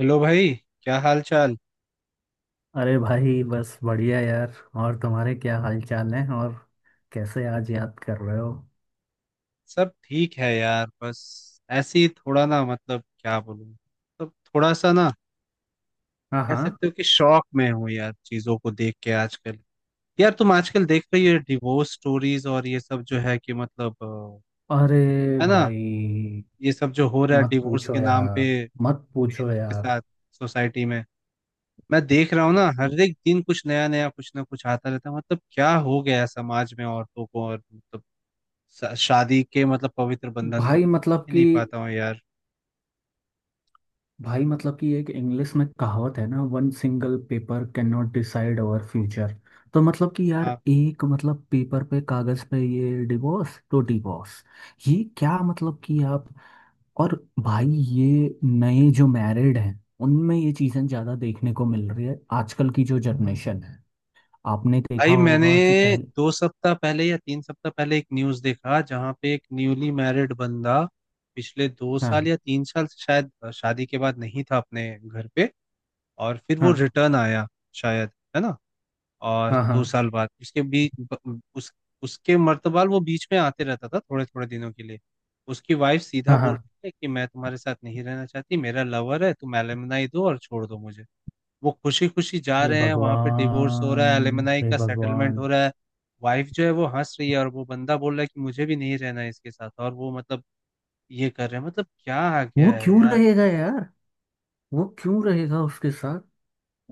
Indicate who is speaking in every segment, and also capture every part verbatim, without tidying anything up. Speaker 1: Hello भाई। क्या हाल चाल।
Speaker 2: अरे भाई बस बढ़िया यार। और तुम्हारे क्या हाल चाल है? और कैसे आज याद कर रहे हो?
Speaker 1: सब ठीक है यार। बस ऐसे ही थोड़ा ना, मतलब क्या बोलूं, तो थोड़ा सा ना,
Speaker 2: हाँ
Speaker 1: कह
Speaker 2: हाँ।
Speaker 1: सकते हो कि शौक में हूँ यार, चीजों को देख के आजकल। यार तुम आजकल देख रही हो डिवोर्स स्टोरीज और ये सब जो है कि मतलब
Speaker 2: अरे
Speaker 1: अ, है ना।
Speaker 2: भाई
Speaker 1: ये सब जो हो रहा है
Speaker 2: मत
Speaker 1: डिवोर्स
Speaker 2: पूछो
Speaker 1: के नाम पे,
Speaker 2: यार। मत पूछो
Speaker 1: parents के
Speaker 2: यार।
Speaker 1: साथ, सोसाइटी में। मैं देख रहा हूँ ना, हर एक दिन कुछ नया नया, कुछ ना कुछ आता रहता है। मतलब क्या हो गया है समाज में औरतों को, और मतलब श- शादी के, मतलब पवित्र बंधन को
Speaker 2: भाई
Speaker 1: मैं
Speaker 2: मतलब
Speaker 1: समझ ही
Speaker 2: कि
Speaker 1: नहीं पाता हूँ यार।
Speaker 2: भाई मतलब कि एक इंग्लिश में कहावत है ना, one single paper can not decide our future. तो मतलब कि यार,
Speaker 1: हाँ
Speaker 2: एक मतलब पेपर पे, कागज पे ये डिवोर्स तो डिवोर्स। ये क्या, मतलब कि आप, और भाई ये नए जो मैरिड हैं उनमें ये चीज़ें ज़्यादा देखने को मिल रही है, आजकल की जो जनरेशन है। आपने देखा
Speaker 1: भाई। मैंने
Speaker 2: होगा कि पहले।
Speaker 1: दो सप्ताह पहले या तीन सप्ताह पहले एक न्यूज देखा, जहाँ पे एक न्यूली मैरिड बंदा पिछले दो
Speaker 2: हाँ
Speaker 1: साल या तीन साल से शायद अ, शादी के बाद नहीं था अपने घर पे। और फिर वो
Speaker 2: हाँ।
Speaker 1: रिटर्न आया, शायद, है ना। और
Speaker 2: हाँ
Speaker 1: दो
Speaker 2: हाँ।
Speaker 1: साल बाद उसके बीच ब- उस उसके मर्तबाल वो बीच में आते रहता था थोड़े थोड़े दिनों के लिए। उसकी वाइफ सीधा
Speaker 2: हाँ
Speaker 1: बोल
Speaker 2: हाँ।
Speaker 1: रही है कि मैं तुम्हारे साथ नहीं रहना चाहती, मेरा लवर है, तुम एलिमनाई दो और छोड़ दो मुझे। वो खुशी खुशी जा
Speaker 2: हे
Speaker 1: रहे हैं, वहां पे डिवोर्स हो रहा
Speaker 2: भगवान।
Speaker 1: है, एलिमनाई
Speaker 2: हे
Speaker 1: का सेटलमेंट
Speaker 2: भगवान।
Speaker 1: हो रहा है। वाइफ जो है वो हंस रही है, और वो बंदा बोल रहा है कि मुझे भी नहीं रहना है इसके साथ, और वो मतलब ये कर रहे हैं। मतलब क्या आ गया
Speaker 2: वो
Speaker 1: है
Speaker 2: क्यों
Speaker 1: यार।
Speaker 2: रहेगा यार? वो क्यों रहेगा उसके साथ?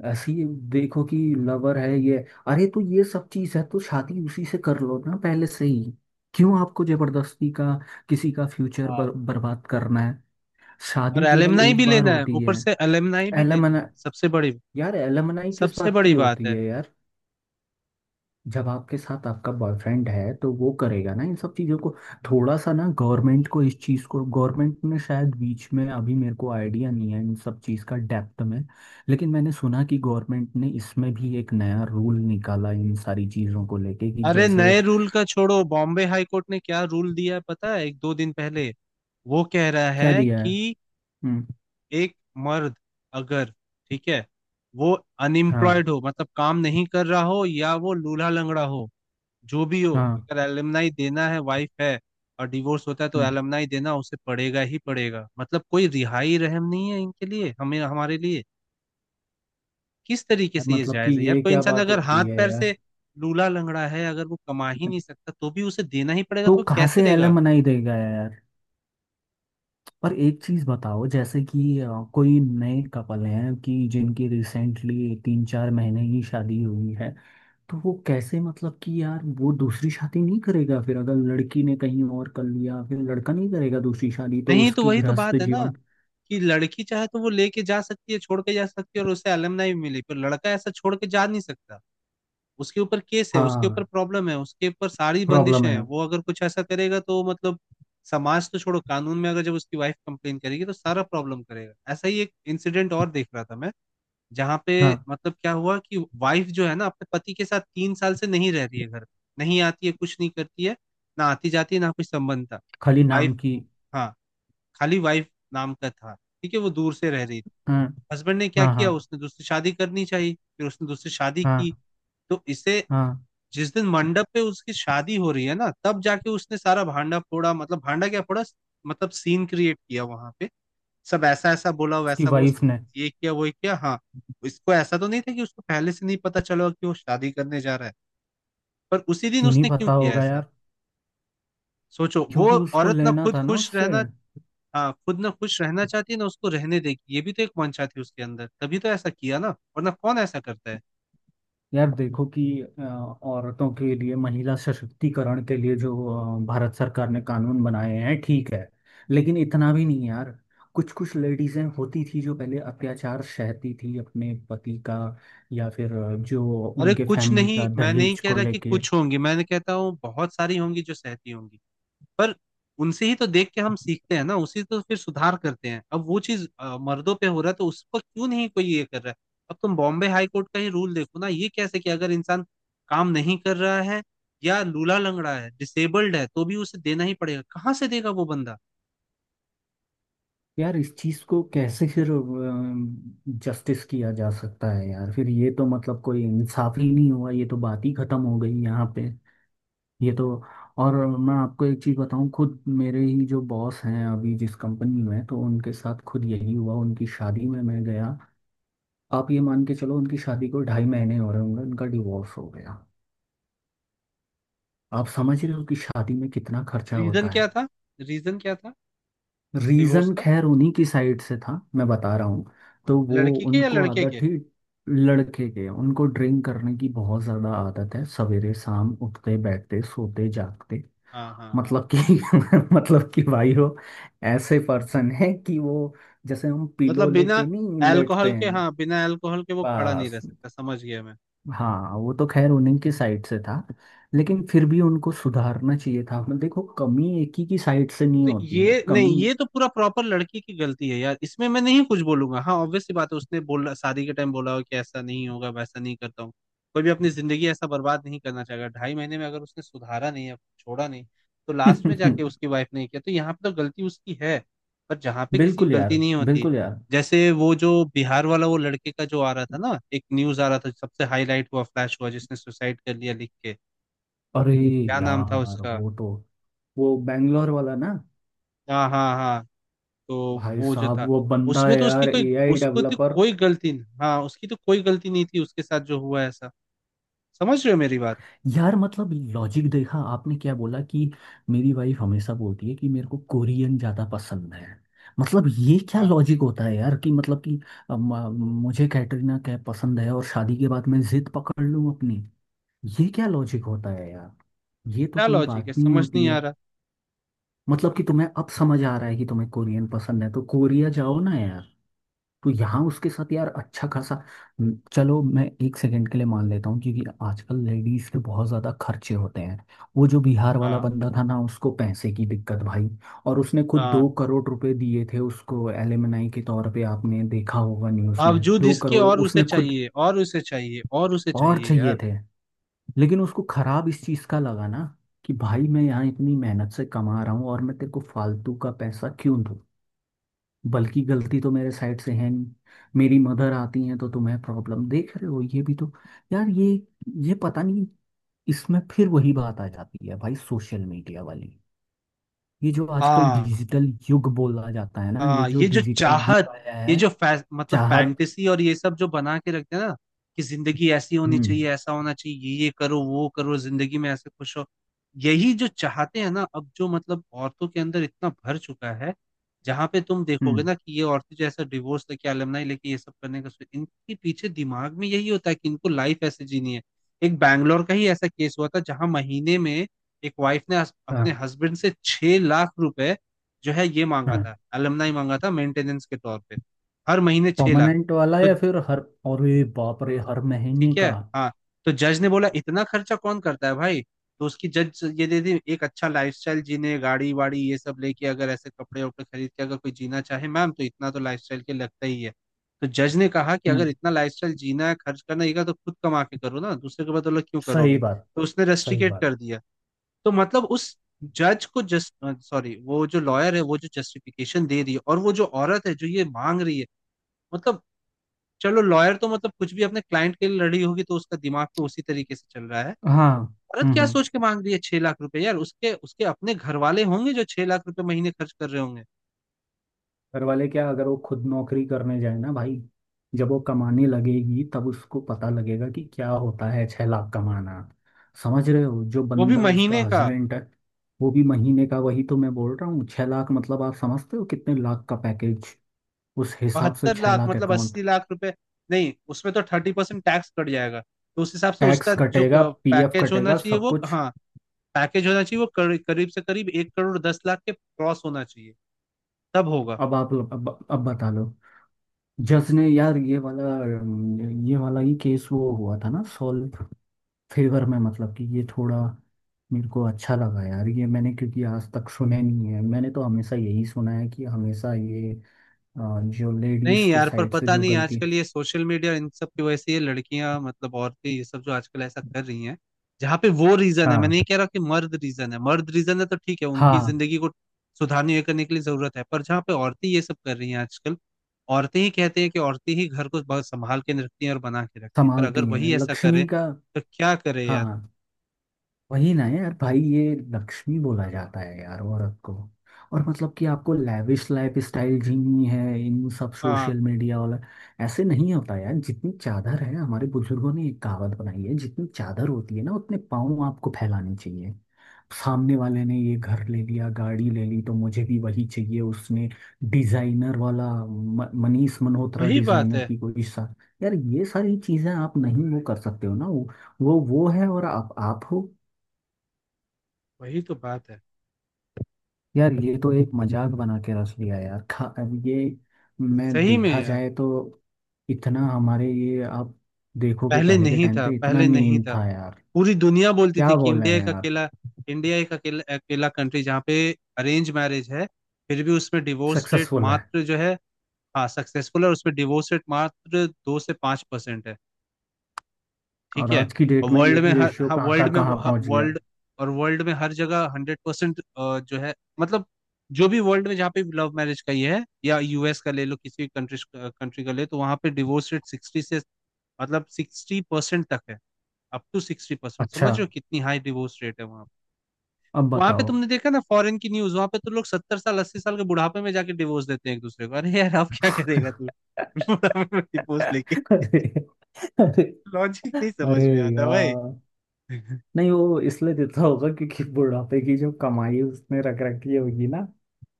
Speaker 2: ऐसी, देखो कि लवर है ये। अरे तो ये सब चीज़ है तो शादी उसी से कर लो ना पहले से ही। क्यों आपको जबरदस्ती का किसी का फ्यूचर
Speaker 1: हाँ।
Speaker 2: बर, बर्बाद करना है?
Speaker 1: और
Speaker 2: शादी केवल
Speaker 1: एलिमनाई
Speaker 2: एक
Speaker 1: भी
Speaker 2: बार
Speaker 1: लेना है,
Speaker 2: होती
Speaker 1: ऊपर
Speaker 2: है।
Speaker 1: से एलिमनाई भी लेनी
Speaker 2: एलमना
Speaker 1: है। सबसे बड़ी,
Speaker 2: यार एलमनाई किस
Speaker 1: सबसे
Speaker 2: बात की
Speaker 1: बड़ी बात
Speaker 2: होती
Speaker 1: है।
Speaker 2: है यार? जब आपके साथ आपका बॉयफ्रेंड है तो वो करेगा ना इन सब चीज़ों को। थोड़ा सा ना गवर्नमेंट को इस चीज़ को, गवर्नमेंट ने शायद बीच में, अभी मेरे को आइडिया नहीं है इन सब चीज़ का डेप्थ में। लेकिन मैंने सुना कि गवर्नमेंट ने इसमें भी एक नया रूल निकाला इन सारी चीज़ों को लेके कि
Speaker 1: अरे
Speaker 2: जैसे।
Speaker 1: नए रूल का छोड़ो, बॉम्बे हाई कोर्ट ने क्या रूल दिया है पता है एक दो दिन पहले। वो कह रहा
Speaker 2: क्या
Speaker 1: है
Speaker 2: दिया है?
Speaker 1: कि
Speaker 2: हम्म।
Speaker 1: एक मर्द, अगर, ठीक है, वो
Speaker 2: हाँ
Speaker 1: अनएम्प्लॉयड हो, मतलब काम नहीं कर रहा हो, या वो लूल्हा लंगड़ा हो, जो भी हो,
Speaker 2: हाँ।
Speaker 1: अगर एलमनाई देना है, वाइफ है और डिवोर्स होता है, तो
Speaker 2: हम्म।
Speaker 1: एलमनाई देना उसे पड़ेगा ही पड़ेगा। मतलब कोई रिहाई रहम नहीं है इनके लिए, हमें, हमारे लिए। किस तरीके
Speaker 2: यार,
Speaker 1: से ये
Speaker 2: मतलब कि
Speaker 1: जायज है यार?
Speaker 2: ये
Speaker 1: कोई
Speaker 2: क्या
Speaker 1: इंसान
Speaker 2: बात
Speaker 1: अगर हाथ
Speaker 2: होती है
Speaker 1: पैर
Speaker 2: यार?
Speaker 1: से लूला लंगड़ा है, अगर वो कमा ही नहीं सकता, तो भी उसे देना ही पड़ेगा।
Speaker 2: तो
Speaker 1: तो वो
Speaker 2: कहाँ
Speaker 1: कैसे
Speaker 2: से
Speaker 1: देगा?
Speaker 2: एलमनाई देगा यार? पर एक चीज बताओ, जैसे कि अ, कोई नए कपल हैं कि जिनकी रिसेंटली तीन चार महीने ही शादी हुई है। तो वो कैसे, मतलब कि यार वो दूसरी शादी नहीं करेगा फिर, अगर लड़की ने कहीं और कर लिया फिर लड़का नहीं करेगा दूसरी शादी, तो
Speaker 1: नहीं, तो
Speaker 2: उसकी
Speaker 1: वही तो
Speaker 2: गृहस्थ
Speaker 1: बात है ना
Speaker 2: जीवन।
Speaker 1: कि लड़की चाहे तो वो लेके जा सकती है, छोड़ के जा सकती है, और उसे अलमनाई भी मिली, पर लड़का ऐसा छोड़ के जा नहीं सकता। उसके ऊपर केस है, उसके ऊपर
Speaker 2: हाँ।
Speaker 1: प्रॉब्लम है, उसके ऊपर सारी
Speaker 2: प्रॉब्लम
Speaker 1: बंदिशें
Speaker 2: है।
Speaker 1: हैं। वो अगर कुछ ऐसा करेगा तो मतलब, समाज तो छोड़ो, कानून में अगर जब उसकी वाइफ कंप्लेन करेगी तो सारा प्रॉब्लम करेगा। ऐसा ही एक इंसिडेंट और देख रहा था मैं, जहाँ पे
Speaker 2: हाँ।
Speaker 1: मतलब क्या हुआ कि वाइफ जो है ना, अपने पति के साथ तीन साल से नहीं रह रही है, घर पे नहीं आती है, कुछ नहीं करती है, ना आती जाती है, ना कुछ संबंध था।
Speaker 2: खाली नाम
Speaker 1: वाइफ,
Speaker 2: की।
Speaker 1: हाँ, खाली वाइफ नाम का था, ठीक है, वो दूर से रह रही है।
Speaker 2: हाँ
Speaker 1: हस्बैंड ने क्या
Speaker 2: हाँ।
Speaker 1: किया,
Speaker 2: हाँ
Speaker 1: उसने दूसरी शादी करनी चाहिए, फिर उसने दूसरी शादी
Speaker 2: हाँ
Speaker 1: की। तो इसे,
Speaker 2: हाँ।
Speaker 1: जिस दिन मंडप पे उसकी शादी हो रही है ना, तब जाके उसने सारा भांडा फोड़ा। मतलब भांडा क्या फोड़ा, मतलब सीन क्रिएट किया वहां पे। सब ऐसा ऐसा बोला
Speaker 2: उसकी
Speaker 1: वैसा वो सब,
Speaker 2: वाइफ ने?
Speaker 1: ये किया वो किया, हाँ। इसको ऐसा तो नहीं था कि उसको पहले से नहीं पता चला कि वो शादी करने जा रहा है, पर उसी दिन
Speaker 2: क्यों नहीं
Speaker 1: उसने क्यों
Speaker 2: पता
Speaker 1: किया
Speaker 2: होगा
Speaker 1: ऐसा?
Speaker 2: यार?
Speaker 1: सोचो। वो
Speaker 2: क्योंकि उसको
Speaker 1: औरत ना
Speaker 2: लेना
Speaker 1: खुद
Speaker 2: था ना
Speaker 1: खुश
Speaker 2: उससे।
Speaker 1: रहना, हाँ खुद ना खुश रहना चाहती है ना उसको रहने देगी, ये भी तो एक मंशा थी उसके अंदर, तभी तो ऐसा किया ना, वरना कौन ऐसा करता है।
Speaker 2: यार देखो कि अ, औरतों के लिए, महिला सशक्तिकरण के लिए जो अ, भारत सरकार ने कानून बनाए हैं ठीक है। लेकिन इतना भी नहीं यार। कुछ कुछ लेडीजें होती थी जो पहले अत्याचार सहती थी अपने पति का। या फिर अ, जो
Speaker 1: अरे
Speaker 2: उनके
Speaker 1: कुछ
Speaker 2: फैमिली
Speaker 1: नहीं,
Speaker 2: का
Speaker 1: मैं नहीं
Speaker 2: दहेज
Speaker 1: कह
Speaker 2: को
Speaker 1: रहा कि
Speaker 2: लेके।
Speaker 1: कुछ होंगी, मैंने कहता हूँ बहुत सारी होंगी जो सहती होंगी, पर उनसे ही तो देख के हम सीखते हैं ना, उसी तो फिर सुधार करते हैं। अब वो चीज अ, मर्दों पे हो रहा है, तो उसको क्यों नहीं कोई ये कर रहा है? अब तुम बॉम्बे हाई कोर्ट का ही रूल देखो ना, ये कैसे कि अगर इंसान काम नहीं कर रहा है, या लूला लंगड़ा है, डिसेबल्ड है, तो भी उसे देना ही पड़ेगा। कहाँ से देगा वो बंदा?
Speaker 2: यार इस चीज को कैसे फिर जस्टिस किया जा सकता है यार? फिर ये तो मतलब कोई इंसाफ ही नहीं हुआ। ये तो बात ही खत्म हो गई यहाँ पे। ये तो। और मैं आपको एक चीज़ बताऊं, खुद मेरे ही जो बॉस हैं अभी जिस कंपनी में, तो उनके साथ खुद यही हुआ, उनकी शादी में मैं गया। आप ये मान के चलो, उनकी शादी को ढाई महीने हो रहे होंगे, उनका डिवोर्स हो गया। आप समझ रहे हो कि शादी में कितना खर्चा
Speaker 1: रीजन
Speaker 2: होता
Speaker 1: क्या
Speaker 2: है।
Speaker 1: था? रीजन क्या था डिवोर्स
Speaker 2: रीज़न
Speaker 1: का?
Speaker 2: खैर उन्हीं की साइड से था, मैं बता रहा हूँ। तो वो,
Speaker 1: लड़की के या
Speaker 2: उनको
Speaker 1: लड़के
Speaker 2: आदत
Speaker 1: के?
Speaker 2: थी, लड़के के उनको ड्रिंक करने की बहुत ज़्यादा आदत है, सवेरे शाम उठते बैठते सोते जागते।
Speaker 1: हाँ, हाँ, हाँ।
Speaker 2: मतलब कि मतलब कि भाई वो ऐसे पर्सन है कि वो जैसे हम पिलो
Speaker 1: मतलब बिना
Speaker 2: लेके नहीं लेटते
Speaker 1: अल्कोहल के,
Speaker 2: हैं।
Speaker 1: हाँ, बिना अल्कोहल के वो खड़ा नहीं
Speaker 2: बस।
Speaker 1: रह सकता, समझ गया मैं।
Speaker 2: हाँ वो तो खैर उन्हीं की साइड से था। लेकिन फिर भी उनको सुधारना चाहिए था, मतलब देखो कमी एक ही की साइड से नहीं
Speaker 1: तो
Speaker 2: होती है,
Speaker 1: ये नहीं,
Speaker 2: कमी।
Speaker 1: ये तो पूरा प्रॉपर लड़की की गलती है यार, इसमें मैं नहीं कुछ बोलूंगा। हाँ, ऑब्वियस सी बात है, उसने बोला, शादी के टाइम बोला हो कि ऐसा नहीं होगा, वैसा नहीं करता हूँ। कोई भी अपनी जिंदगी ऐसा बर्बाद नहीं करना चाहेगा, ढाई महीने में अगर उसने सुधारा नहीं है, छोड़ा नहीं, तो लास्ट में जाके उसकी वाइफ ने किया, तो यहाँ पे तो गलती उसकी है। पर जहाँ पे किसी की
Speaker 2: बिल्कुल यार।
Speaker 1: गलती नहीं होती,
Speaker 2: बिल्कुल यार।
Speaker 1: जैसे वो जो बिहार वाला, वो लड़के का जो आ रहा था ना, एक न्यूज आ रहा था, सबसे हाईलाइट हुआ, फ्लैश हुआ, जिसने सुसाइड कर लिया लिख के,
Speaker 2: अरे
Speaker 1: क्या नाम था
Speaker 2: यार
Speaker 1: उसका।
Speaker 2: वो तो, वो बैंगलोर वाला ना।
Speaker 1: हाँ, हाँ, हाँ। तो
Speaker 2: भाई
Speaker 1: वो जो
Speaker 2: साहब
Speaker 1: था
Speaker 2: वो बंदा
Speaker 1: उसमें
Speaker 2: है
Speaker 1: तो उसकी
Speaker 2: यार,
Speaker 1: कोई,
Speaker 2: ए आई
Speaker 1: उसको तो
Speaker 2: डेवलपर।
Speaker 1: कोई गलती नहीं, हाँ, उसकी तो कोई गलती नहीं थी, उसके साथ जो हुआ ऐसा। समझ रहे हो मेरी बात?
Speaker 2: यार मतलब लॉजिक देखा आपने क्या बोला कि, मेरी वाइफ हमेशा बोलती है कि मेरे को कोरियन ज़्यादा पसंद है। मतलब ये क्या
Speaker 1: हाँ।
Speaker 2: लॉजिक होता है यार कि मतलब कि अ, म- मुझे कैटरीना कैफ पसंद है और शादी के बाद मैं जिद पकड़ लूँ अपनी। ये क्या लॉजिक होता है यार? ये तो
Speaker 1: क्या
Speaker 2: कोई
Speaker 1: लॉजिक
Speaker 2: बात
Speaker 1: है,
Speaker 2: नहीं
Speaker 1: समझ
Speaker 2: होती
Speaker 1: नहीं आ
Speaker 2: है।
Speaker 1: रहा।
Speaker 2: मतलब कि तुम्हें अब समझ आ रहा है कि तुम्हें कोरियन पसंद है तो कोरिया जाओ ना यार। तो यहाँ उसके साथ यार अच्छा खासा। हम्म, चलो मैं एक सेकंड के लिए मान लेता हूँ, क्योंकि आजकल लेडीज के बहुत ज्यादा खर्चे होते हैं। वो जो बिहार वाला
Speaker 1: हाँ,
Speaker 2: बंदा था ना, उसको पैसे की दिक्कत भाई। और उसने खुद दो
Speaker 1: हाँ,
Speaker 2: करोड़ रुपए दिए थे उसको एलिमनाई के तौर पे, आपने देखा होगा न्यूज में,
Speaker 1: बावजूद
Speaker 2: दो
Speaker 1: इसके
Speaker 2: करोड़
Speaker 1: और उसे
Speaker 2: उसने खुद।
Speaker 1: चाहिए, और उसे चाहिए, और उसे
Speaker 2: और
Speaker 1: चाहिए
Speaker 2: चाहिए
Speaker 1: यार।
Speaker 2: थे। लेकिन उसको खराब इस चीज का लगा ना कि भाई मैं यहाँ इतनी मेहनत से कमा रहा हूँ और मैं तेरे को फालतू का पैसा क्यों दूँ? बल्कि गलती तो मेरे साइड से है नहीं। मेरी मदर आती हैं तो तुम्हें प्रॉब्लम, देख रहे हो ये भी तो। यार ये ये पता नहीं। इसमें फिर वही बात आ जाती है भाई, सोशल मीडिया वाली। ये जो आजकल
Speaker 1: हाँ,
Speaker 2: डिजिटल युग बोला जाता है ना, ये
Speaker 1: हाँ।
Speaker 2: जो
Speaker 1: ये जो
Speaker 2: डिजिटल
Speaker 1: चाहत,
Speaker 2: युग आया
Speaker 1: ये
Speaker 2: है।
Speaker 1: जो फै, मतलब
Speaker 2: चाहत।
Speaker 1: फैंटेसी और ये सब जो बना के रखते हैं ना, कि जिंदगी ऐसी होनी
Speaker 2: हम्म
Speaker 1: चाहिए, ऐसा होना चाहिए, ये ये करो, वो करो, जिंदगी में ऐसे खुश हो, यही जो चाहते हैं ना, अब जो मतलब औरतों के अंदर इतना भर चुका है, जहां पे तुम देखोगे
Speaker 2: हम्म।
Speaker 1: ना कि ये औरतें जो ऐसा डिवोर्स लेके, अलमनाई लेके ये सब करने का सोच- इनके पीछे दिमाग में यही होता है कि इनको लाइफ ऐसे जीनी है। एक बैंगलोर का ही ऐसा केस हुआ था, जहां महीने में एक वाइफ ने हस-
Speaker 2: हाँ
Speaker 1: अपने हस्बैंड से छह लाख रुपए जो है ये मांगा
Speaker 2: हाँ।
Speaker 1: था, अलमनाई मांगा था, मेंटेनेंस के तौर पे, हर महीने छह लाख।
Speaker 2: परमानेंट वाला
Speaker 1: तो,
Speaker 2: या फिर हर? अरे बाप रे, हर महीने
Speaker 1: ठीक है,
Speaker 2: का?
Speaker 1: हाँ, तो जज ने बोला इतना खर्चा कौन करता है भाई। तो उसकी जज ये दे दी, एक अच्छा लाइफस्टाइल जीने, गाड़ी वाड़ी ये सब लेके, अगर ऐसे कपड़े वपड़े खरीद के अगर कोई जीना चाहे मैम, तो इतना तो लाइफस्टाइल के लगता ही है। तो जज ने कहा कि अगर
Speaker 2: हम्म।
Speaker 1: इतना लाइफस्टाइल जीना है, खर्च करना है, तो खुद कमा के करो ना, दूसरे के बदौलत क्यों
Speaker 2: सही
Speaker 1: करोगे।
Speaker 2: बात।
Speaker 1: तो उसने
Speaker 2: सही
Speaker 1: रेस्ट्रिकेट
Speaker 2: बात।
Speaker 1: कर दिया। तो मतलब उस जज को, जस्ट, सॉरी, वो जो लॉयर है, वो जो जस्टिफिकेशन दे रही है, और वो जो औरत है जो ये मांग रही है, मतलब, चलो लॉयर तो मतलब कुछ भी अपने क्लाइंट के लिए लड़ी होगी, तो उसका दिमाग तो उसी तरीके से चल रहा है।
Speaker 2: हाँ।
Speaker 1: औरत
Speaker 2: हम्म
Speaker 1: क्या
Speaker 2: हम्म।
Speaker 1: सोच के मांग रही है छह लाख रुपए यार, उसके, उसके अपने घर वाले होंगे जो छह लाख रुपए महीने खर्च कर रहे होंगे।
Speaker 2: घर वाले क्या, अगर वो खुद नौकरी करने जाए ना भाई। जब वो कमाने लगेगी तब उसको पता लगेगा कि क्या होता है छह लाख कमाना। समझ रहे हो, जो
Speaker 1: वो भी
Speaker 2: बंदा उसका
Speaker 1: महीने का
Speaker 2: हस्बैंड है। वो भी महीने का, वही तो मैं बोल रहा हूँ। छह लाख मतलब आप समझते हो कितने लाख का पैकेज? उस हिसाब से
Speaker 1: बहत्तर
Speaker 2: छह
Speaker 1: लाख
Speaker 2: लाख
Speaker 1: मतलब
Speaker 2: अकाउंट।
Speaker 1: अस्सी लाख रुपए, नहीं उसमें तो थर्टी परसेंट टैक्स कट जाएगा, तो उस हिसाब से
Speaker 2: टैक्स
Speaker 1: उसका जो
Speaker 2: कटेगा, पी एफ
Speaker 1: पैकेज होना
Speaker 2: कटेगा,
Speaker 1: चाहिए
Speaker 2: सब
Speaker 1: वो,
Speaker 2: कुछ।
Speaker 1: हाँ, पैकेज होना चाहिए वो कर, करीब से करीब एक करोड़ दस लाख के क्रॉस होना चाहिए, तब होगा।
Speaker 2: अब आप अब, अब बता लो। जज ने यार, ये वाला, ये वाला ही केस वो हुआ था ना सॉल्व, फेवर में, मतलब कि ये थोड़ा मेरे को अच्छा लगा यार ये, मैंने, क्योंकि आज तक सुने नहीं है, मैंने तो हमेशा यही सुना है कि हमेशा ये अ, जो लेडीज
Speaker 1: नहीं
Speaker 2: के
Speaker 1: यार, पर
Speaker 2: साइड से
Speaker 1: पता
Speaker 2: जो
Speaker 1: नहीं
Speaker 2: गलती।
Speaker 1: आजकल ये सोशल मीडिया इन सब की वजह से ये लड़कियां, मतलब औरतें ये सब जो आजकल ऐसा कर रही हैं, जहाँ पे वो रीजन है, मैं
Speaker 2: हाँ
Speaker 1: नहीं कह रहा कि मर्द रीजन है, मर्द रीजन है तो ठीक है, उनकी
Speaker 2: हाँ।
Speaker 1: जिंदगी को सुधारने, ये करने के लिए जरूरत है, पर जहाँ पे औरतें ये सब कर रही हैं आजकल, औरतें ही कहते हैं कि औरतें ही घर को बहुत संभाल के रखती हैं और बना के रखती हैं, पर अगर
Speaker 2: संभालती है
Speaker 1: वही ऐसा करे
Speaker 2: लक्ष्मी का।
Speaker 1: तो क्या करे यार।
Speaker 2: हाँ। वही ना यार भाई, ये लक्ष्मी बोला जाता है यार औरत को। और मतलब कि आपको लैविश लाइफ स्टाइल जीनी है, इन सब
Speaker 1: हाँ,
Speaker 2: सोशल मीडिया वाला। ऐसे नहीं होता यार। जितनी चादर है, हमारे बुजुर्गों ने एक कहावत बनाई है, जितनी चादर होती है ना उतने पाँव आपको फैलाने चाहिए। सामने वाले ने ये घर ले लिया, गाड़ी ले ली, तो मुझे भी वही चाहिए। उसने डिजाइनर वाला म- मनीष मल्होत्रा
Speaker 1: वही बात
Speaker 2: डिजाइनर
Speaker 1: है,
Speaker 2: की कोई सा। यार ये सारी चीजें आप नहीं वो कर सकते हो ना, वो वो वो है और आप आप हो।
Speaker 1: वही तो बात है।
Speaker 2: यार ये तो एक मजाक बना के रख लिया यार, खा अब ये। मैं
Speaker 1: सही में
Speaker 2: देखा
Speaker 1: यार।
Speaker 2: जाए तो इतना हमारे ये, आप देखोगे
Speaker 1: पहले
Speaker 2: पहले के
Speaker 1: नहीं
Speaker 2: टाइम
Speaker 1: था,
Speaker 2: पे इतना
Speaker 1: पहले नहीं
Speaker 2: नीम
Speaker 1: था।
Speaker 2: था यार।
Speaker 1: पूरी दुनिया बोलती
Speaker 2: क्या
Speaker 1: थी कि
Speaker 2: बोल रहे
Speaker 1: इंडिया
Speaker 2: हैं
Speaker 1: एक
Speaker 2: यार?
Speaker 1: अकेला इंडिया एक अकेला अकेला कंट्री, जहाँ पे अरेंज मैरिज है, फिर भी उसमें डिवोर्स रेट
Speaker 2: सक्सेसफुल है।
Speaker 1: मात्र जो है, हाँ, सक्सेसफुल है, और उसमें डिवोर्स रेट मात्र दो से पांच परसेंट है,
Speaker 2: और
Speaker 1: ठीक है।
Speaker 2: आज की
Speaker 1: और
Speaker 2: डेट में
Speaker 1: वर्ल्ड में
Speaker 2: यही
Speaker 1: हर,
Speaker 2: रेशियो
Speaker 1: हाँ,
Speaker 2: कहाँ का
Speaker 1: वर्ल्ड में,
Speaker 2: कहाँ पहुंच गया?
Speaker 1: वर्ल्ड, और वर्ल्ड में हर जगह हंड्रेड परसेंट जो है, मतलब जो भी वर्ल्ड में, जहाँ पे लव मैरिज का ये है, या यू एस का ले लो, किसी भी कंट्री कंट्री का ले, तो वहाँ पे डिवोर्स रेट सिक्सटी से, मतलब सिक्सटी परसेंट तक है, अप टू सिक्सटी परसेंट।
Speaker 2: अच्छा।
Speaker 1: समझ रहे हो कितनी हाई डिवोर्स रेट है वहाँ पे।
Speaker 2: अब
Speaker 1: वहाँ पे
Speaker 2: बताओ।
Speaker 1: तुमने देखा ना, फॉरेन की न्यूज, वहाँ पे तो लोग सत्तर साल, अस्सी साल के बुढ़ापे में जाके डिवोर्स देते हैं एक दूसरे को। अरे यार अब क्या करेगा तू बुढ़ापे में डिवोर्स लेके।
Speaker 2: अरे। अरे।
Speaker 1: लॉजिक नहीं
Speaker 2: अरे
Speaker 1: समझ में आता भाई।
Speaker 2: यार। नहीं वो इसलिए देता होगा क्योंकि बुढ़ापे की जो कमाई उसने रख रखी होगी ना,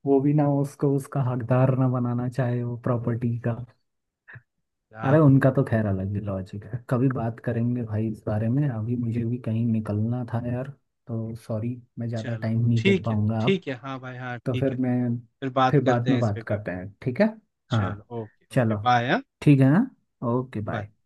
Speaker 2: वो भी ना उसको उसका हकदार ना बनाना चाहे वो प्रॉपर्टी का।
Speaker 1: क्या
Speaker 2: अरे उनका
Speaker 1: बोलूं।
Speaker 2: तो खैर अलग ही लॉजिक है, कभी बात करेंगे भाई इस बारे में। अभी मुझे भी कहीं निकलना था यार, तो सॉरी मैं ज़्यादा
Speaker 1: चलो
Speaker 2: टाइम नहीं दे
Speaker 1: ठीक है,
Speaker 2: पाऊंगा अब।
Speaker 1: ठीक है, हाँ भाई, हाँ
Speaker 2: तो
Speaker 1: ठीक
Speaker 2: फिर
Speaker 1: है।
Speaker 2: मैं,
Speaker 1: फिर बात
Speaker 2: फिर बाद
Speaker 1: करते
Speaker 2: में
Speaker 1: हैं इस पे
Speaker 2: बात करते
Speaker 1: कभी।
Speaker 2: हैं ठीक है। हाँ।
Speaker 1: चलो ओके, ओके,
Speaker 2: चलो
Speaker 1: बाय। हाँ,
Speaker 2: ठीक है। हाँ। Okay
Speaker 1: bye.
Speaker 2: बाय।